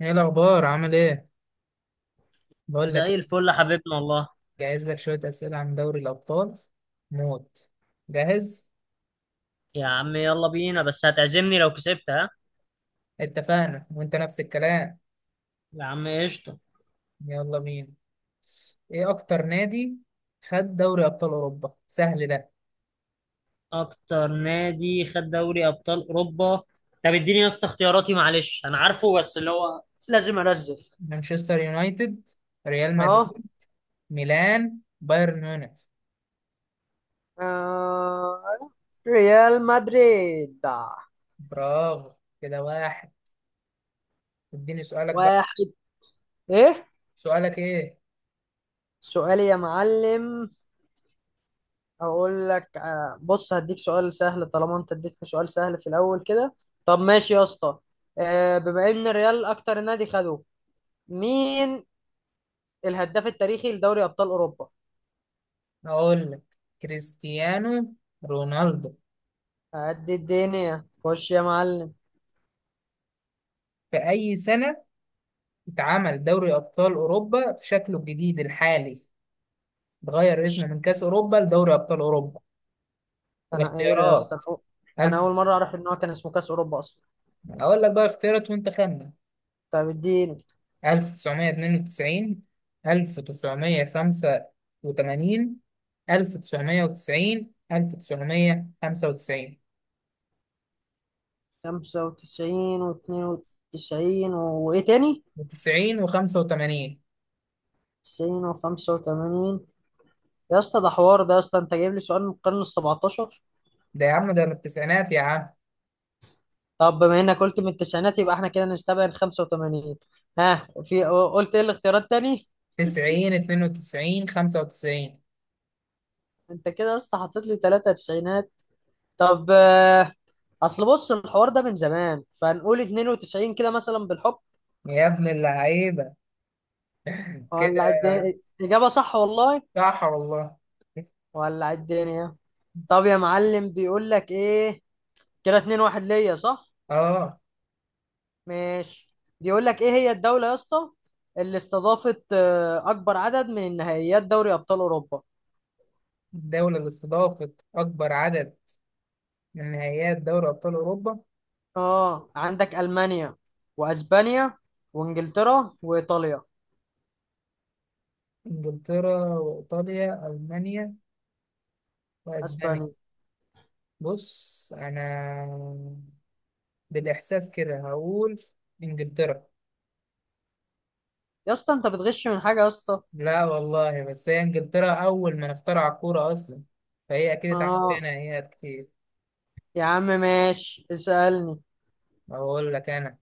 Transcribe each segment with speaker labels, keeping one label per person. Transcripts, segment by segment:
Speaker 1: ايه الاخبار؟ عامل ايه؟ بقول لك
Speaker 2: زي
Speaker 1: إيه،
Speaker 2: الفل يا حبيبنا والله.
Speaker 1: جهز لك شويه اسئله عن دوري الابطال موت. جاهز.
Speaker 2: يا عم يلا بينا، بس هتعزمني لو كسبت؟ ها.
Speaker 1: اتفقنا وانت نفس الكلام.
Speaker 2: يا عم قشطة.
Speaker 1: يلا بينا. ايه اكتر نادي خد دوري ابطال اوروبا؟ سهل ده.
Speaker 2: أكتر نادي خد دوري أبطال أوروبا؟ طب اديني يا اسطى اختياراتي، معلش أنا عارفه بس اللي هو لازم أنزل.
Speaker 1: مانشستر يونايتد، ريال
Speaker 2: اهو.
Speaker 1: مدريد، ميلان، بايرن ميونخ.
Speaker 2: آه، ريال مدريد.
Speaker 1: برافو، كده واحد. اديني سؤالك بقى.
Speaker 2: واحد. ايه؟
Speaker 1: سؤالك ايه؟
Speaker 2: سؤالي يا معلم. اقول لك، بص، هديك سؤال سهل طالما انت اديتني سؤال سهل في الاول كده. طب ماشي يا اسطى. بما ان الريال اكتر نادي خده، مين الهداف التاريخي لدوري ابطال اوروبا؟
Speaker 1: اقول لك كريستيانو رونالدو.
Speaker 2: قد الدنيا، خش يا معلم.
Speaker 1: في اي سنه اتعمل دوري أبطال أوروبا في شكله الجديد الحالي، اتغير اسمه
Speaker 2: بش
Speaker 1: من كأس أوروبا لدوري أبطال أوروبا؟
Speaker 2: انا ايه ده يا اسطى،
Speaker 1: الاختيارات.
Speaker 2: انا
Speaker 1: ألف،
Speaker 2: اول مره اعرف ان هو كان اسمه كاس اوروبا اصلا.
Speaker 1: أقول لك بقى اختيارات وأنت خمن.
Speaker 2: طب اديني.
Speaker 1: 1992، 1985، 1990، 1995.
Speaker 2: 95 و92، وايه تاني؟
Speaker 1: 90 و85،
Speaker 2: 90 و85. يا اسطى ده حوار، ده يا اسطى انت جايب لي سؤال من القرن ال 17.
Speaker 1: ده يا عم ده من التسعينات يا عم.
Speaker 2: طب بما انك قلت من التسعينات، يبقى احنا كده نستبعد 85. ها، في قلت ايه الاختيارات تاني؟
Speaker 1: 90، 92، 95.
Speaker 2: انت كده يا اسطى حطيت لي ثلاثة تسعينات. طب اصل بص الحوار ده من زمان، فنقول 92 كده مثلا بالحب.
Speaker 1: يا ابن اللعيبة، كده
Speaker 2: ولع الدنيا. اجابه صح والله.
Speaker 1: صح والله.
Speaker 2: ولع الدنيا. طب يا معلم بيقول لك ايه. كده 2-1 ليا، صح؟
Speaker 1: اه.
Speaker 2: ماشي. بيقول لك ايه هي الدوله يا اسطى اللي استضافت اكبر عدد من نهائيات دوري ابطال اوروبا؟
Speaker 1: الدولة اللي استضافت أكبر عدد من نهائيات دوري أبطال أوروبا،
Speaker 2: اه، عندك المانيا واسبانيا وانجلترا وايطاليا.
Speaker 1: إنجلترا وإيطاليا ألمانيا وأسبانيا.
Speaker 2: اسبانيا.
Speaker 1: بص أنا بالإحساس كده هقول إنجلترا.
Speaker 2: يا اسطى انت بتغش من حاجه يا اسطى؟
Speaker 1: لا والله، بس هي إنجلترا أول ما اخترع الكورة أصلا، فهي أكيد اتعمل فيها
Speaker 2: اه.
Speaker 1: نهائيات كتير.
Speaker 2: يا عم ماشي اسالني.
Speaker 1: أقول لك أنا،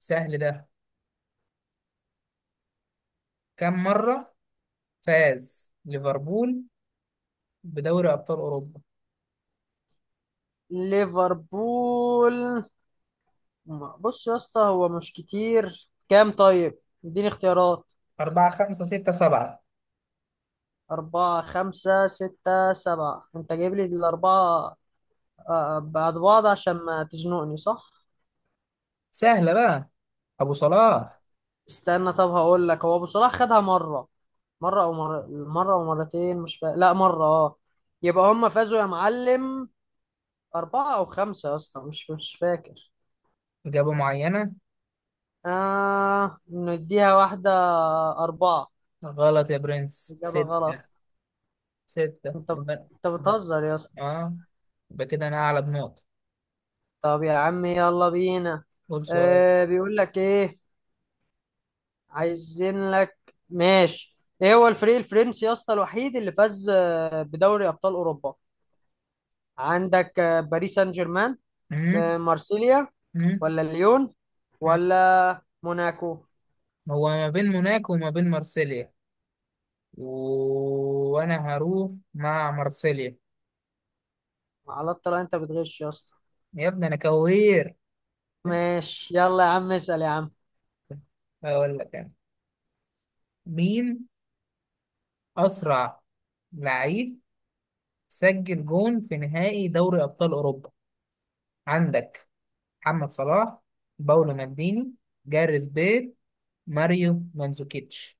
Speaker 1: سهل ده. كم مرة فاز ليفربول بدوري أبطال أوروبا؟
Speaker 2: ليفربول. بص يا اسطى، هو مش كتير، كام طيب؟ اديني اختيارات.
Speaker 1: أربعة، خمسة، ستة، سبعة.
Speaker 2: أربعة خمسة ستة سبعة. أنت جايب لي الأربعة بعد بعض عشان ما تزنقني، صح؟
Speaker 1: سهلة بقى، أبو
Speaker 2: است-
Speaker 1: صلاح.
Speaker 2: استنى، طب هقول لك، هو أبو صلاح خدها مرة، مرة أو مرة مرة أو مرتين، مش فا... لا مرة، أه. يبقى هم فازوا يا معلم أربعة أو خمسة، يا اسطى مش فاكر.
Speaker 1: إجابة معينة.
Speaker 2: آه، نديها واحدة. أربعة.
Speaker 1: غلط يا برنس،
Speaker 2: إجابة
Speaker 1: ستة.
Speaker 2: غلط.
Speaker 1: ستة
Speaker 2: انت
Speaker 1: يبقى.
Speaker 2: انت
Speaker 1: يبقى
Speaker 2: بتهزر يا اسطى؟
Speaker 1: اه، يبقى كده أنا أعلى بنقطة.
Speaker 2: طب يا عم يلا بينا.
Speaker 1: قول سؤال.
Speaker 2: آه بيقول لك ايه. عايزين لك. ماشي، ايه هو الفريق الفرنسي يا اسطى الوحيد اللي فاز بدوري ابطال اوروبا؟ عندك باريس سان جيرمان،
Speaker 1: مم؟
Speaker 2: مارسيليا،
Speaker 1: مم؟
Speaker 2: ولا ليون،
Speaker 1: مم؟
Speaker 2: ولا موناكو.
Speaker 1: هو ما بين موناكو وما بين مارسيليا، و... وأنا هروح مع مارسيليا.
Speaker 2: على الطلاق انت بتغش يا اسطى.
Speaker 1: يا ابني أنا كوير.
Speaker 2: ماشي يلا يا عم، اسال يا عم.
Speaker 1: هقول لك أنا، مين أسرع لعيب سجل جون في نهائي دوري أبطال أوروبا؟ عندك محمد صلاح، باولو مالديني، جاريث بيل، ماريو مانزوكيتش.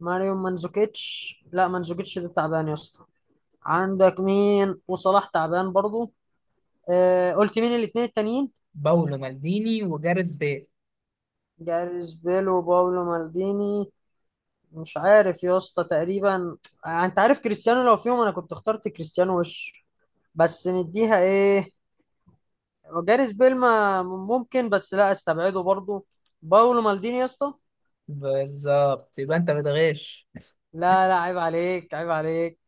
Speaker 2: ماريو منزوكيتش. لا، منزوكيتش ده تعبان يا اسطى. عندك مين؟ وصلاح تعبان برضو. آه، قلت مين الاثنين التانيين؟
Speaker 1: باولو مالديني وجاريث بيل.
Speaker 2: جاريث بيل وباولو مالديني. مش عارف يا اسطى تقريبا. انت عارف كريستيانو لو فيهم انا كنت اخترت كريستيانو وش. بس نديها ايه؟ جاريث بيل ما ممكن، بس لا استبعده برضو. باولو مالديني يا اسطى.
Speaker 1: بالظبط، يبقى انت بتغش.
Speaker 2: لا لا، عيب عليك عيب عليك.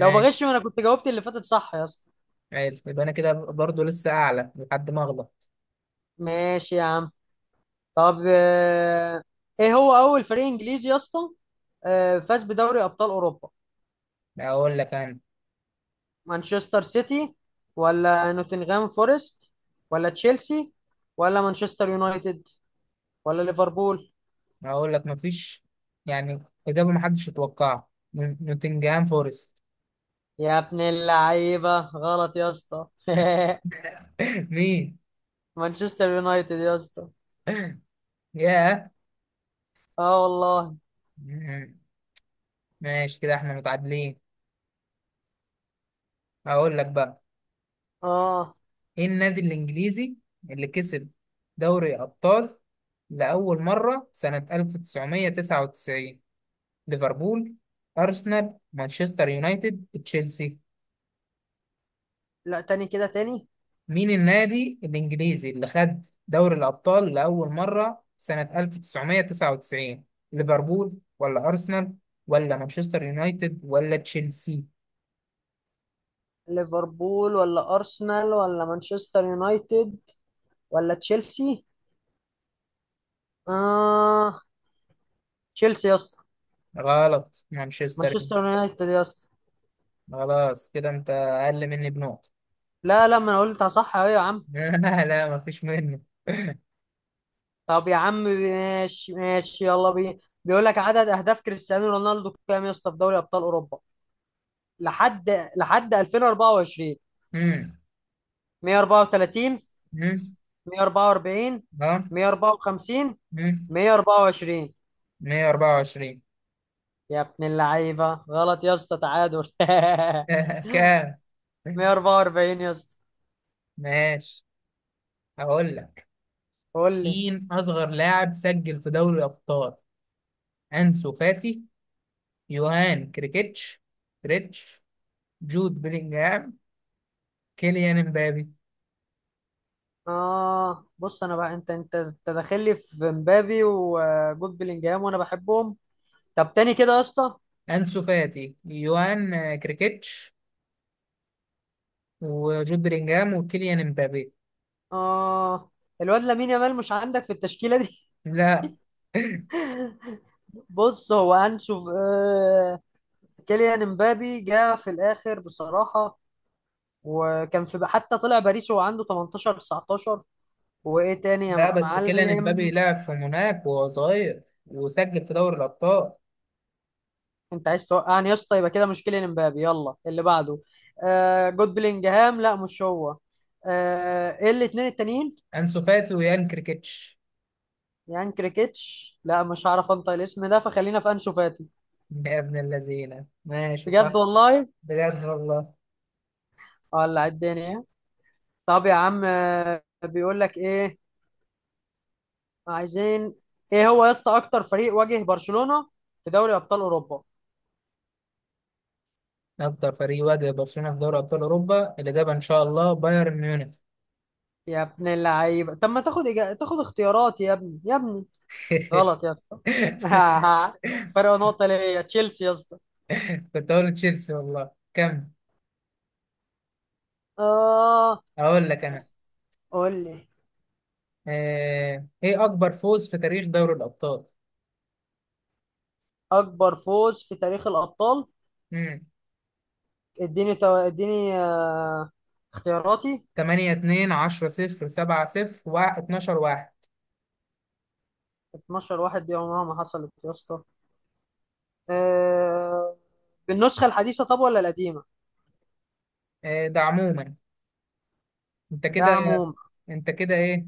Speaker 2: لو بغش ما انا كنت جاوبت اللي فاتت صح يا اسطى.
Speaker 1: حلو، يبقى انا كده برضو لسه اعلى لحد ما اغلط.
Speaker 2: ماشي يا عم. طب ايه هو اول فريق انجليزي يا اسطى فاز بدوري ابطال اوروبا؟
Speaker 1: اقول لك انا.
Speaker 2: مانشستر سيتي، ولا نوتنغهام فورست، ولا تشيلسي، ولا مانشستر يونايتد، ولا ليفربول؟
Speaker 1: اقول لك مفيش، يعني اجابه محدش يتوقعها. نوتنجهام فورست.
Speaker 2: يا ابن اللعيبة، غلط يا اسطى.
Speaker 1: مين؟
Speaker 2: مانشستر يونايتد يا اسطى.
Speaker 1: ياه.
Speaker 2: اه والله.
Speaker 1: مم. ماشي كده احنا متعادلين. اقول لك بقى.
Speaker 2: اه.
Speaker 1: ايه النادي الانجليزي اللي كسب دوري ابطال لاول مره سنه 1999؟ ليفربول، أرسنال، مانشستر يونايتد، تشيلسي.
Speaker 2: لا تاني كده، تاني.
Speaker 1: مين النادي الإنجليزي اللي خد دوري الأبطال لأول مرة سنة 1999؟ ليفربول ولا أرسنال ولا مانشستر يونايتد ولا تشيلسي.
Speaker 2: ليفربول ولا أرسنال ولا مانشستر يونايتد ولا تشيلسي. اه. تشيلسي يا اسطى.
Speaker 1: غلط، مانشستر
Speaker 2: مانشستر
Speaker 1: يونايتد.
Speaker 2: يونايتد يا اسطى.
Speaker 1: خلاص كده أنت أقل مني بنقطة.
Speaker 2: لا لا، ما انا قلت صح اهو يا عم.
Speaker 1: لا لا مفيش منه.
Speaker 2: طب يا عم ماشي ماشي يلا بينا. بيقول لك عدد اهداف كريستيانو رونالدو كام يا اسطى في دوري ابطال اوروبا لحد لحد 2024؟
Speaker 1: مم.
Speaker 2: 134؟
Speaker 1: مم.
Speaker 2: 144؟
Speaker 1: اه.
Speaker 2: 154؟
Speaker 1: مم.
Speaker 2: 124؟
Speaker 1: 124.
Speaker 2: يا ابن اللعيبه، غلط يا اسطى، تعادل.
Speaker 1: كام؟
Speaker 2: 144 يا اسطى.
Speaker 1: ماشي، هقول لك،
Speaker 2: قول لي.
Speaker 1: مين أصغر لاعب سجل في دوري الأبطال؟ أنسو فاتي، يوهان كريكيتش، كريتش، جود بلينجهام، كيليان امبابي.
Speaker 2: اه، بص انا بقى انت داخل لي في مبابي وجود بلينجهام وانا بحبهم. طب تاني كده يا اسطى.
Speaker 1: أنسو فاتي، يوهان كريكيتش، وجود بلينجهام وكيليان امبابي.
Speaker 2: اه، الواد لامين يامال مش عندك في التشكيله دي؟
Speaker 1: لا.
Speaker 2: بص هو هنشوف آه. كيليان امبابي جه في الاخر بصراحه، وكان في حتى طلع باريس وهو عنده 18 19، وايه تاني
Speaker 1: لا
Speaker 2: يا
Speaker 1: بس كيليان امبابي
Speaker 2: معلم؟
Speaker 1: لعب في موناك وهو صغير وسجل في دوري الأبطال.
Speaker 2: انت عايز توقعني يا اسطى، يبقى كده مش كيليان امبابي، يلا اللي بعده. آه جود بلينجهام لا مش هو. آه، ايه الاثنين التانيين؟
Speaker 1: أنسو فاتي ويوهان كريكيتش.
Speaker 2: يعني كريكيتش لا، مش هعرف انطق الاسم ده، فخلينا في انسو فاتي.
Speaker 1: يا ابن اللذينة، ماشي صح.
Speaker 2: بجد والله؟
Speaker 1: بجد والله.
Speaker 2: ولا الدنيا. طب يا عم، بيقول لك ايه. عايزين. ايه هو يا اسطى اكتر فريق واجه برشلونة في دوري ابطال اوروبا؟
Speaker 1: أكتر فريق واجه برشلونة في دوري أبطال أوروبا، الإجابة إن شاء الله بايرن ميونخ.
Speaker 2: يا ابن اللعيبه، طب ما تاخد تاخد اختيارات يا ابني يا ابني؟ غلط يا اسطى. فرق نقطة ليا، تشيلسي يا اسطى.
Speaker 1: كنت هقول تشيلسي والله. كمل.
Speaker 2: اه
Speaker 1: أقول لك أنا،
Speaker 2: قول لي.
Speaker 1: إيه أكبر فوز في تاريخ دوري الأبطال؟
Speaker 2: اكبر فوز في تاريخ الابطال.
Speaker 1: مم.
Speaker 2: اديني اديني اختياراتي.
Speaker 1: 8-2، 10-0، 7-0، 12-1.
Speaker 2: 12 واحد دي عمرها ما حصلت يا اسطى. آه... بالنسخة الحديثة، طب ولا القديمة؟
Speaker 1: ده عموما. أنت
Speaker 2: ده
Speaker 1: كده
Speaker 2: عموم
Speaker 1: أنت كده إيه،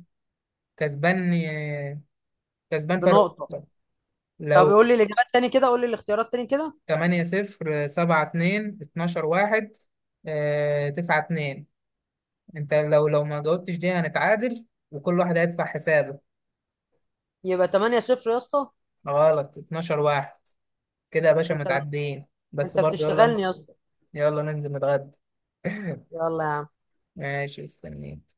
Speaker 1: كسبان كسبان فرق.
Speaker 2: بنقطة. طب
Speaker 1: لو
Speaker 2: قول لي الإجابات تاني كده، قول لي الاختيارات تاني كده.
Speaker 1: 8-0، 7-2، 12-1، 9-2. انت لو ما جاوبتش دي هنتعادل وكل واحد هيدفع حسابه.
Speaker 2: يبقى 8-0 يا اسطى.
Speaker 1: غلط، 12 واحد. كده يا باشا
Speaker 2: أنت
Speaker 1: متعدين. بس
Speaker 2: أنت
Speaker 1: برضه يلا.
Speaker 2: بتشتغلني يا اسطى؟
Speaker 1: يلا ننزل نتغدى.
Speaker 2: يلا يا عم.
Speaker 1: ماشي مستنيك.